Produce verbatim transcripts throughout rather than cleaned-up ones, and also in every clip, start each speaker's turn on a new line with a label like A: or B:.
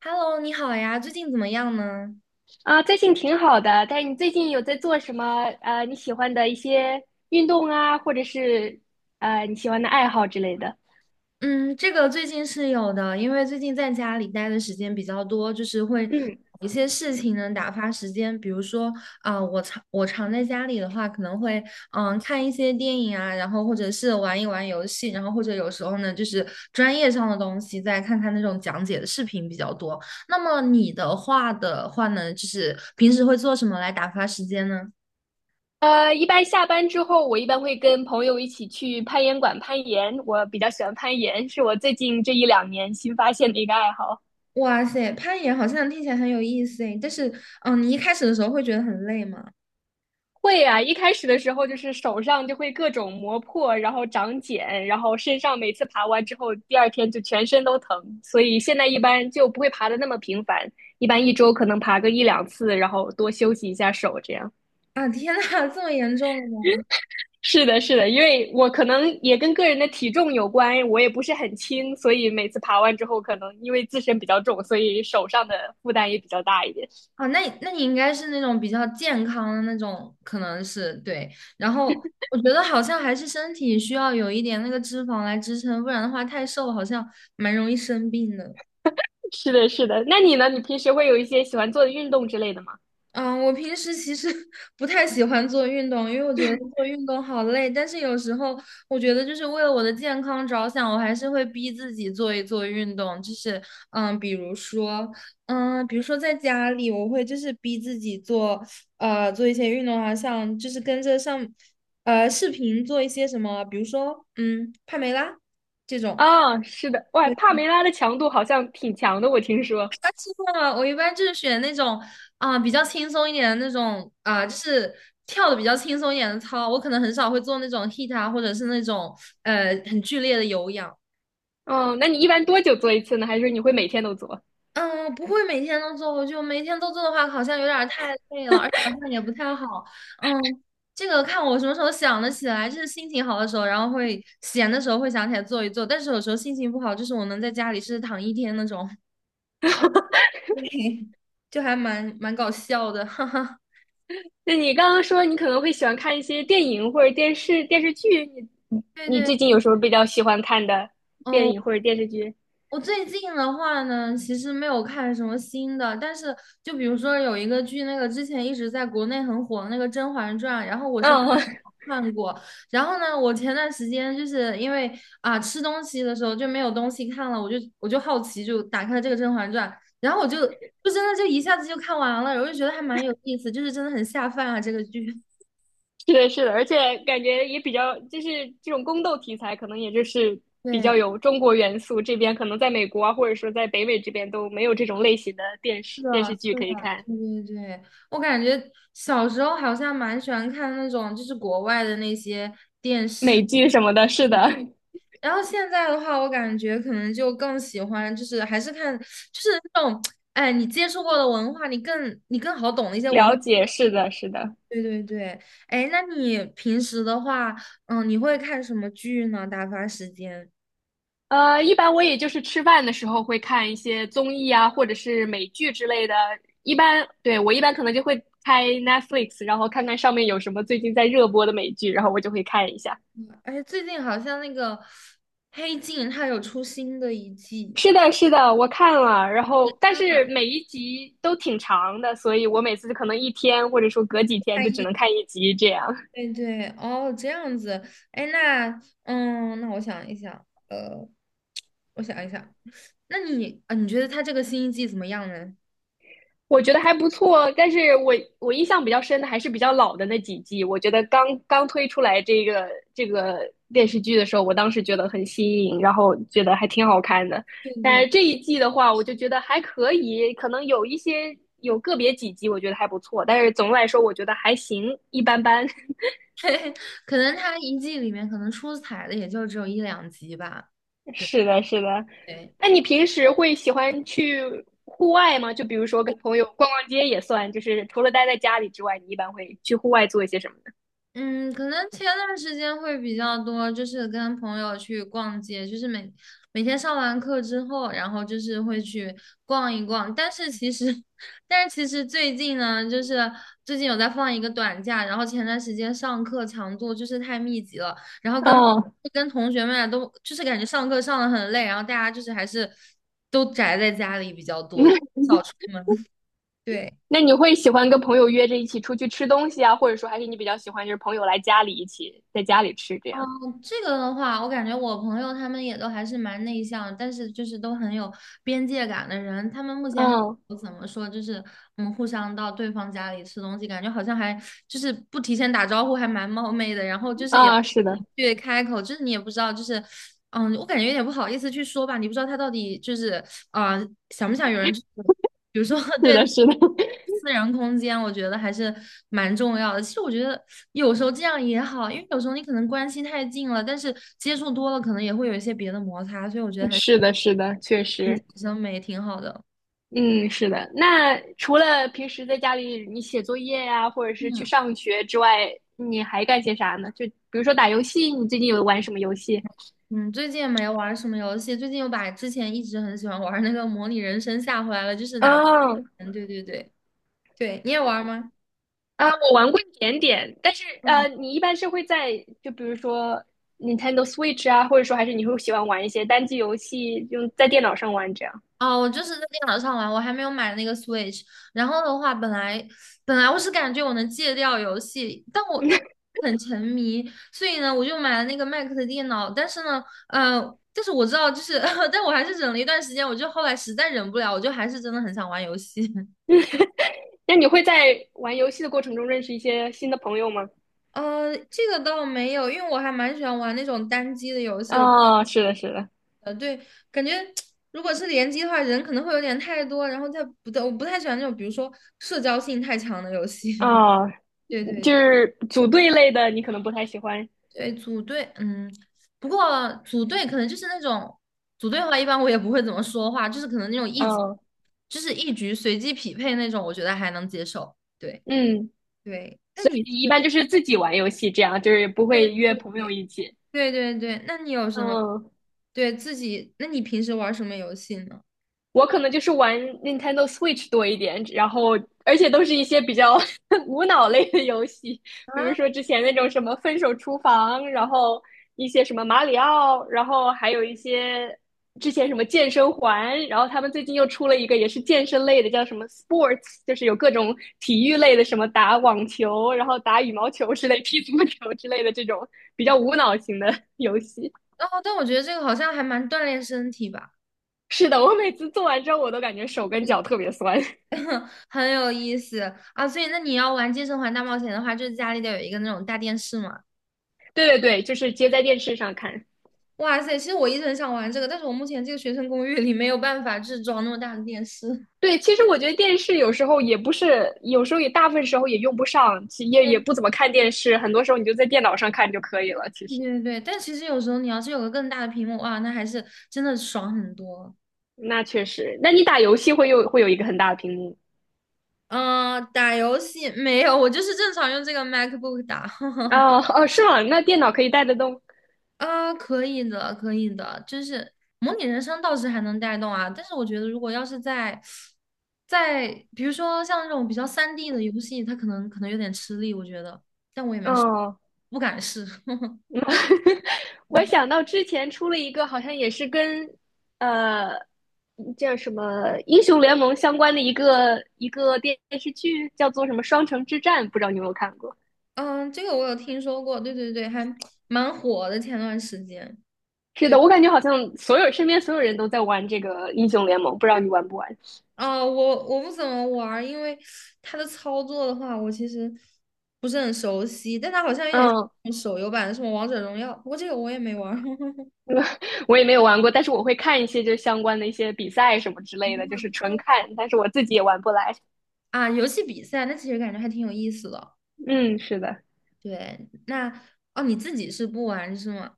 A: Hello，你好呀，最近怎么样呢？
B: 啊，最近挺好的，但是你最近有在做什么？呃，你喜欢的一些运动啊，或者是呃你喜欢的爱好之类的。
A: 嗯，这个最近是有的，因为最近在家里待的时间比较多，就是会有
B: 嗯。
A: 一些事情能打发时间，比如说啊、我常我常在家里的话，可能会嗯看一些电影啊，然后或者是玩一玩游戏，然后或者有时候呢就是专业上的东西，再看看那种讲解的视频比较多。那么你的话的话呢，就是平时会做什么来打发时间呢？
B: 呃，一般下班之后，我一般会跟朋友一起去攀岩馆攀岩。我比较喜欢攀岩，是我最近这一两年新发现的一个爱好。
A: 哇塞，攀岩好像听起来很有意思诶，但是，嗯，你一开始的时候会觉得很累吗？
B: 会呀啊，一开始的时候就是手上就会各种磨破，然后长茧，然后身上每次爬完之后，第二天就全身都疼，所以现在一般就不会爬的那么频繁，一般一周可能爬个一两次，然后多休息一下手这样。
A: 啊，天呐，这么严重的吗？
B: 是的，是的，因为我可能也跟个人的体重有关，我也不是很轻，所以每次爬完之后，可能因为自身比较重，所以手上的负担也比较大一点。
A: 啊，那你那你应该是那种比较健康的那种，可能是对。然后我觉得好像还是身体需要有一点那个脂肪来支撑，不然的话太瘦了好像蛮容易生病的。
B: 是的，是的。那你呢？你平时会有一些喜欢做的运动之类的吗？
A: 嗯，我平时其实 不太喜欢做运动，因为我觉得做运动好累。但是有时候我觉得，就是为了我的健康着想，我还是会逼自己做一做运动。就是，嗯，比如说，嗯，比如说在家里，我会就是逼自己做，呃，做一些运动啊，像就是跟着上，呃，视频做一些什么，比如说，嗯，帕梅拉这种。
B: 啊，是的，哇，帕梅拉的强度好像挺强的，我听说。
A: 啊，真的啊，我一般就是选那种啊、比较轻松一点的那种啊、就是跳的比较轻松一点的操。我可能很少会做那种 h i I t 啊，或者是那种呃很剧烈的有氧。
B: 嗯，那你一般多久做一次呢？还是你会每天都做？
A: 嗯，不会每天都做，我就每天都做的话，好像有点儿太累了，而且好像也不太好。嗯，这个看我什么时候想得起来，就是心情好的时候，然后会闲的时候会想起来做一做。但是有时候心情不好，就是我能在家里是躺一天那种，就还蛮蛮搞笑的，哈哈。
B: 那你刚刚说你可能会喜欢看一些电影或者电视电视剧，你你
A: 对
B: 你
A: 对。
B: 最近有什么比较喜欢看的电
A: 哦，
B: 影或者电视剧？
A: 我最近的话呢，其实没有看什么新的，但是就比如说有一个剧，那个之前一直在国内很火的那个《甄嬛传》，然后我是
B: 嗯。
A: 看过，然后呢，我前段时间就是因为啊吃东西的时候就没有东西看了，我就我就好奇就打开了这个《甄嬛传》，然后我就就真的就一下子就看完了，我就觉得还蛮有意思，就是真的很下饭啊这个剧。
B: 是的，是的，而且感觉也比较，就是这种宫斗题材，可能也就是比
A: 对，
B: 较有中国元素，这边可能在美国啊，或者说在北美这边都没有这种类型的电
A: 是
B: 视
A: 的，
B: 电视剧
A: 是
B: 可以
A: 的，
B: 看，
A: 对对对，我感觉小时候好像蛮喜欢看那种就是国外的那些电视，
B: 美剧什么的，是的。
A: 然后现在的话，我感觉可能就更喜欢就是还是看就是那种，哎，你接触过的文化，你更你更好懂的一些文化
B: 了解，是的，是的。
A: 对对对，哎，那你平时的话，嗯，你会看什么剧呢？打发时间？
B: 呃，一般我也就是吃饭的时候会看一些综艺啊，或者是美剧之类的。一般，对，我一般可能就会开 Netflix，然后看看上面有什么最近在热播的美剧，然后我就会看一下。
A: 哎，最近好像那个《黑镜》它有出新的一季。
B: 是的，是的，我看了，然后但是每一集都挺长的，所以我每次可能一天或者说隔几天就只能看一集这样。
A: 对对，哦，这样子，哎，那，嗯，那我想一想，呃，我想一想，那你啊，你觉得他这个新一季怎么样呢？
B: 我觉得还不错，但是我我印象比较深的还是比较老的那几季。我觉得刚刚推出来这个这个电视剧的时候，我当时觉得很新颖，然后觉得还挺好看的。
A: 对
B: 但
A: 对，
B: 是这一季的话，我就觉得还可以，可能有一些有个别几集我觉得还不错，但是总的来说我觉得还行，一般般。
A: 可能他一季里面可能出彩的也就只有一两集吧。对
B: 是的，是的。
A: 对。
B: 那你平时会喜欢去户外吗？就比如说跟朋友逛逛街也算，就是除了待在家里之外，你一般会去户外做一些什么
A: 嗯，可能前段时间会比较多，就是跟朋友去逛街，就是每每天上完课之后，然后就是会去逛一逛。但是其实，但是其实最近呢，就是最近有在放一个短假，然后前段时间上课强度就是太密集了，然后跟
B: 呢？嗯。
A: 跟同学们啊都就是感觉上课上的很累，然后大家就是还是都宅在家里比较多，就
B: 那
A: 少出门。对。
B: 那你会喜欢跟朋友约着一起出去吃东西啊，或者说还是你比较喜欢就是朋友来家里一起在家里吃这样？
A: 嗯这个的话，我感觉我朋友他们也都还是蛮内向，但是就是都很有边界感的人。他们目前还
B: 嗯。
A: 不怎么说，就是嗯，互相到对方家里吃东西，感觉好像还就是不提前打招呼，还蛮冒昧的。然后就是也
B: 啊，是的，
A: 对开口，就是你也不知道，就是嗯，我感觉有点不好意思去说吧，你不知道他到底就是啊、呃想不想有人就是
B: 是的，是的。
A: 私人空间，我觉得还是蛮重要的。其实我觉得有时候这样也好，因为有时候你可能关系太近了，但是接触多了，可能也会有一些别的摩擦，所以我觉得 还是
B: 是的，是的，确
A: 心理
B: 实，
A: 健美挺好的。
B: 嗯，是的。那除了平时在家里你写作业呀、或者是去
A: 嗯
B: 上学之外，你还干些啥呢？就比如说打游戏，你最近有玩什么游戏？
A: 嗯，最近也没玩什么游戏，最近又把之前一直很喜欢玩那个模拟人生下回来了，就是打
B: 嗯。
A: 嗯，对对对对，你也玩吗？
B: 啊，我玩过一点点，但是呃，你一般是会在就比如说 Nintendo Switch 啊，或者说还是你会喜欢玩一些单机游戏，用在电脑上玩这样。
A: 哦，我就是在电脑上玩，我还没有买那个 Switch。然后的话，本来本来我是感觉我能戒掉游戏，但我但我很沉迷，所以呢，我就买了那个 Mac 的电脑。但是呢，呃，但是我知道，就是，但我还是忍了一段时间，我就后来实在忍不了，我就还是真的很想玩游戏。
B: 那你会在玩游戏的过程中认识一些新的朋友吗？
A: 呃，这个倒没有，因为我还蛮喜欢玩那种单机的游戏。我
B: 啊，是的，是的，
A: 呃，对，感觉如果是联机的话，人可能会有点太多，然后再不对，我不太喜欢那种比如说社交性太强的游戏。
B: 啊，
A: 对对
B: 就是组队类的，你可能不太喜欢。
A: 对，组队，嗯，不过组队可能就是那种组队的话，一般我也不会怎么说话，就是可能那种一局，
B: 嗯。
A: 就是一局随机匹配那种，我觉得还能接受。对
B: 嗯，
A: 对，那
B: 所
A: 你是
B: 以你一般就是自己玩游戏这样，就是不会
A: 对
B: 约朋友一起。
A: 对对对对，那你有什么
B: 嗯，
A: 对自己？那你平时玩什么游戏呢？
B: 我可能就是玩 Nintendo Switch 多一点，然后而且都是一些比较 无脑类的游戏，比如
A: 啊，
B: 说之前那种什么《分手厨房》，然后一些什么马里奥，然后还有一些之前什么健身环，然后他们最近又出了一个也是健身类的，叫什么 Sports，就是有各种体育类的，什么打网球，然后打羽毛球之类、踢足球之类的这种比较
A: 好，
B: 无脑型的游戏。
A: 哦，但我觉得这个好像还蛮锻炼身体吧，
B: 是的，我每次做完之后，我都感觉手跟脚特别酸。
A: 很有意思啊。所以那你要玩《健身环大冒险》的话，就是家里得有一个那种大电视嘛。
B: 对对对，就是接在电视上看。
A: 哇塞，其实我一直很想玩这个，但是我目前这个学生公寓里没有办法就是装那么大的电视。
B: 对，其实我觉得电视有时候也不是，有时候也大部分时候也用不上，其也也
A: 对
B: 不怎么看电视，很多时候你就在电脑上看就可以了。其
A: 对
B: 实，
A: 对对但其实有时候你要是有个更大的屏幕，哇，那还是真的爽很多。
B: 那确实，那你打游戏会有会有一个很大的屏幕。
A: 嗯、打游戏没有，我就是正常用这个 MacBook 打。
B: 哦哦，是吗？那电脑可以带得动
A: 啊可以的，可以的，就是模拟人生倒是还能带动啊，但是我觉得如果要是在在比如说像这种比较三 d 的游戏，它可能可能有点吃力，我觉得
B: 哦。
A: 不敢试。
B: 嗯。 我想到之前出了一个，好像也是跟呃叫什么英雄联盟相关的一个一个电视剧，叫做什么《双城之战》，不知道你有没有看过？
A: 嗯，这个我有听说过，对对对，还蛮火的。前段时间，
B: 是
A: 对，
B: 的，我感觉好像所有身边所有人都在玩这个英雄联盟，不知道你玩不玩？
A: 啊、我我不怎么玩儿，因为它的操作的话，我其实不是很熟悉，但它好像有点
B: 嗯，
A: 像手游版的什么王者荣耀，不过这个我也没玩儿
B: 我也没有玩过，但是我会看一些就是相关的一些比赛什么之类的，就是纯 看，但是我自己也玩不来。
A: 啊。游戏比赛，那其实感觉还挺有意思的。
B: 嗯，是的，
A: 对，那哦，你自己是不玩是吗？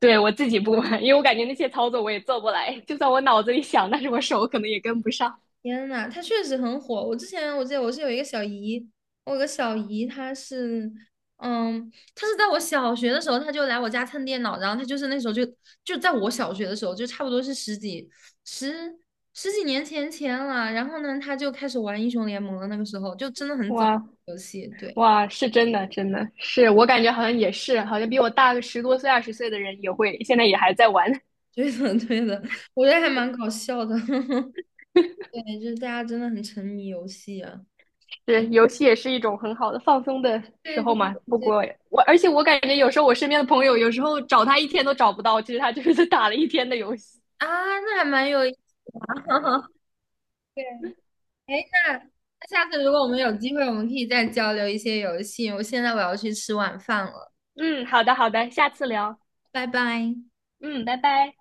B: 对，我自己不玩，因为我感觉那些操作我也做不来，就算我脑子里想，但是我手可能也跟不上。
A: 天呐，他确实很火。我之前我记得我是有一个小姨，我有个小姨，她是，嗯，她是在我小学的时候，她就来我家蹭电脑，然后她就是那时候就就在我小学的时候，就差不多是十几十十几年前前了。然后呢，她就开始玩英雄联盟了，那个时候就真的很早
B: 哇
A: 游戏，对，
B: 哇，是真的，真的是我感觉好像也是，好像比我大个十多岁、二十岁的人也会，现在也还在玩。
A: 对的 对的，我觉得还蛮搞笑的，对，就是大家真的很沉迷游戏啊，
B: 是，游戏也是一种很好的放松的时
A: 对
B: 候
A: 对
B: 嘛。不
A: 对
B: 过我，而且我感觉有时候我身边的朋友，有时候找他一天都找不到，其实他就是打了一天的游戏。
A: 啊，那还蛮有意思。哎，那那下次如果我们有机会，我们可以再交流一些游戏。我现在我要去吃晚饭了，
B: 嗯，好的，好的，下次聊。
A: 拜拜。
B: 嗯，拜拜。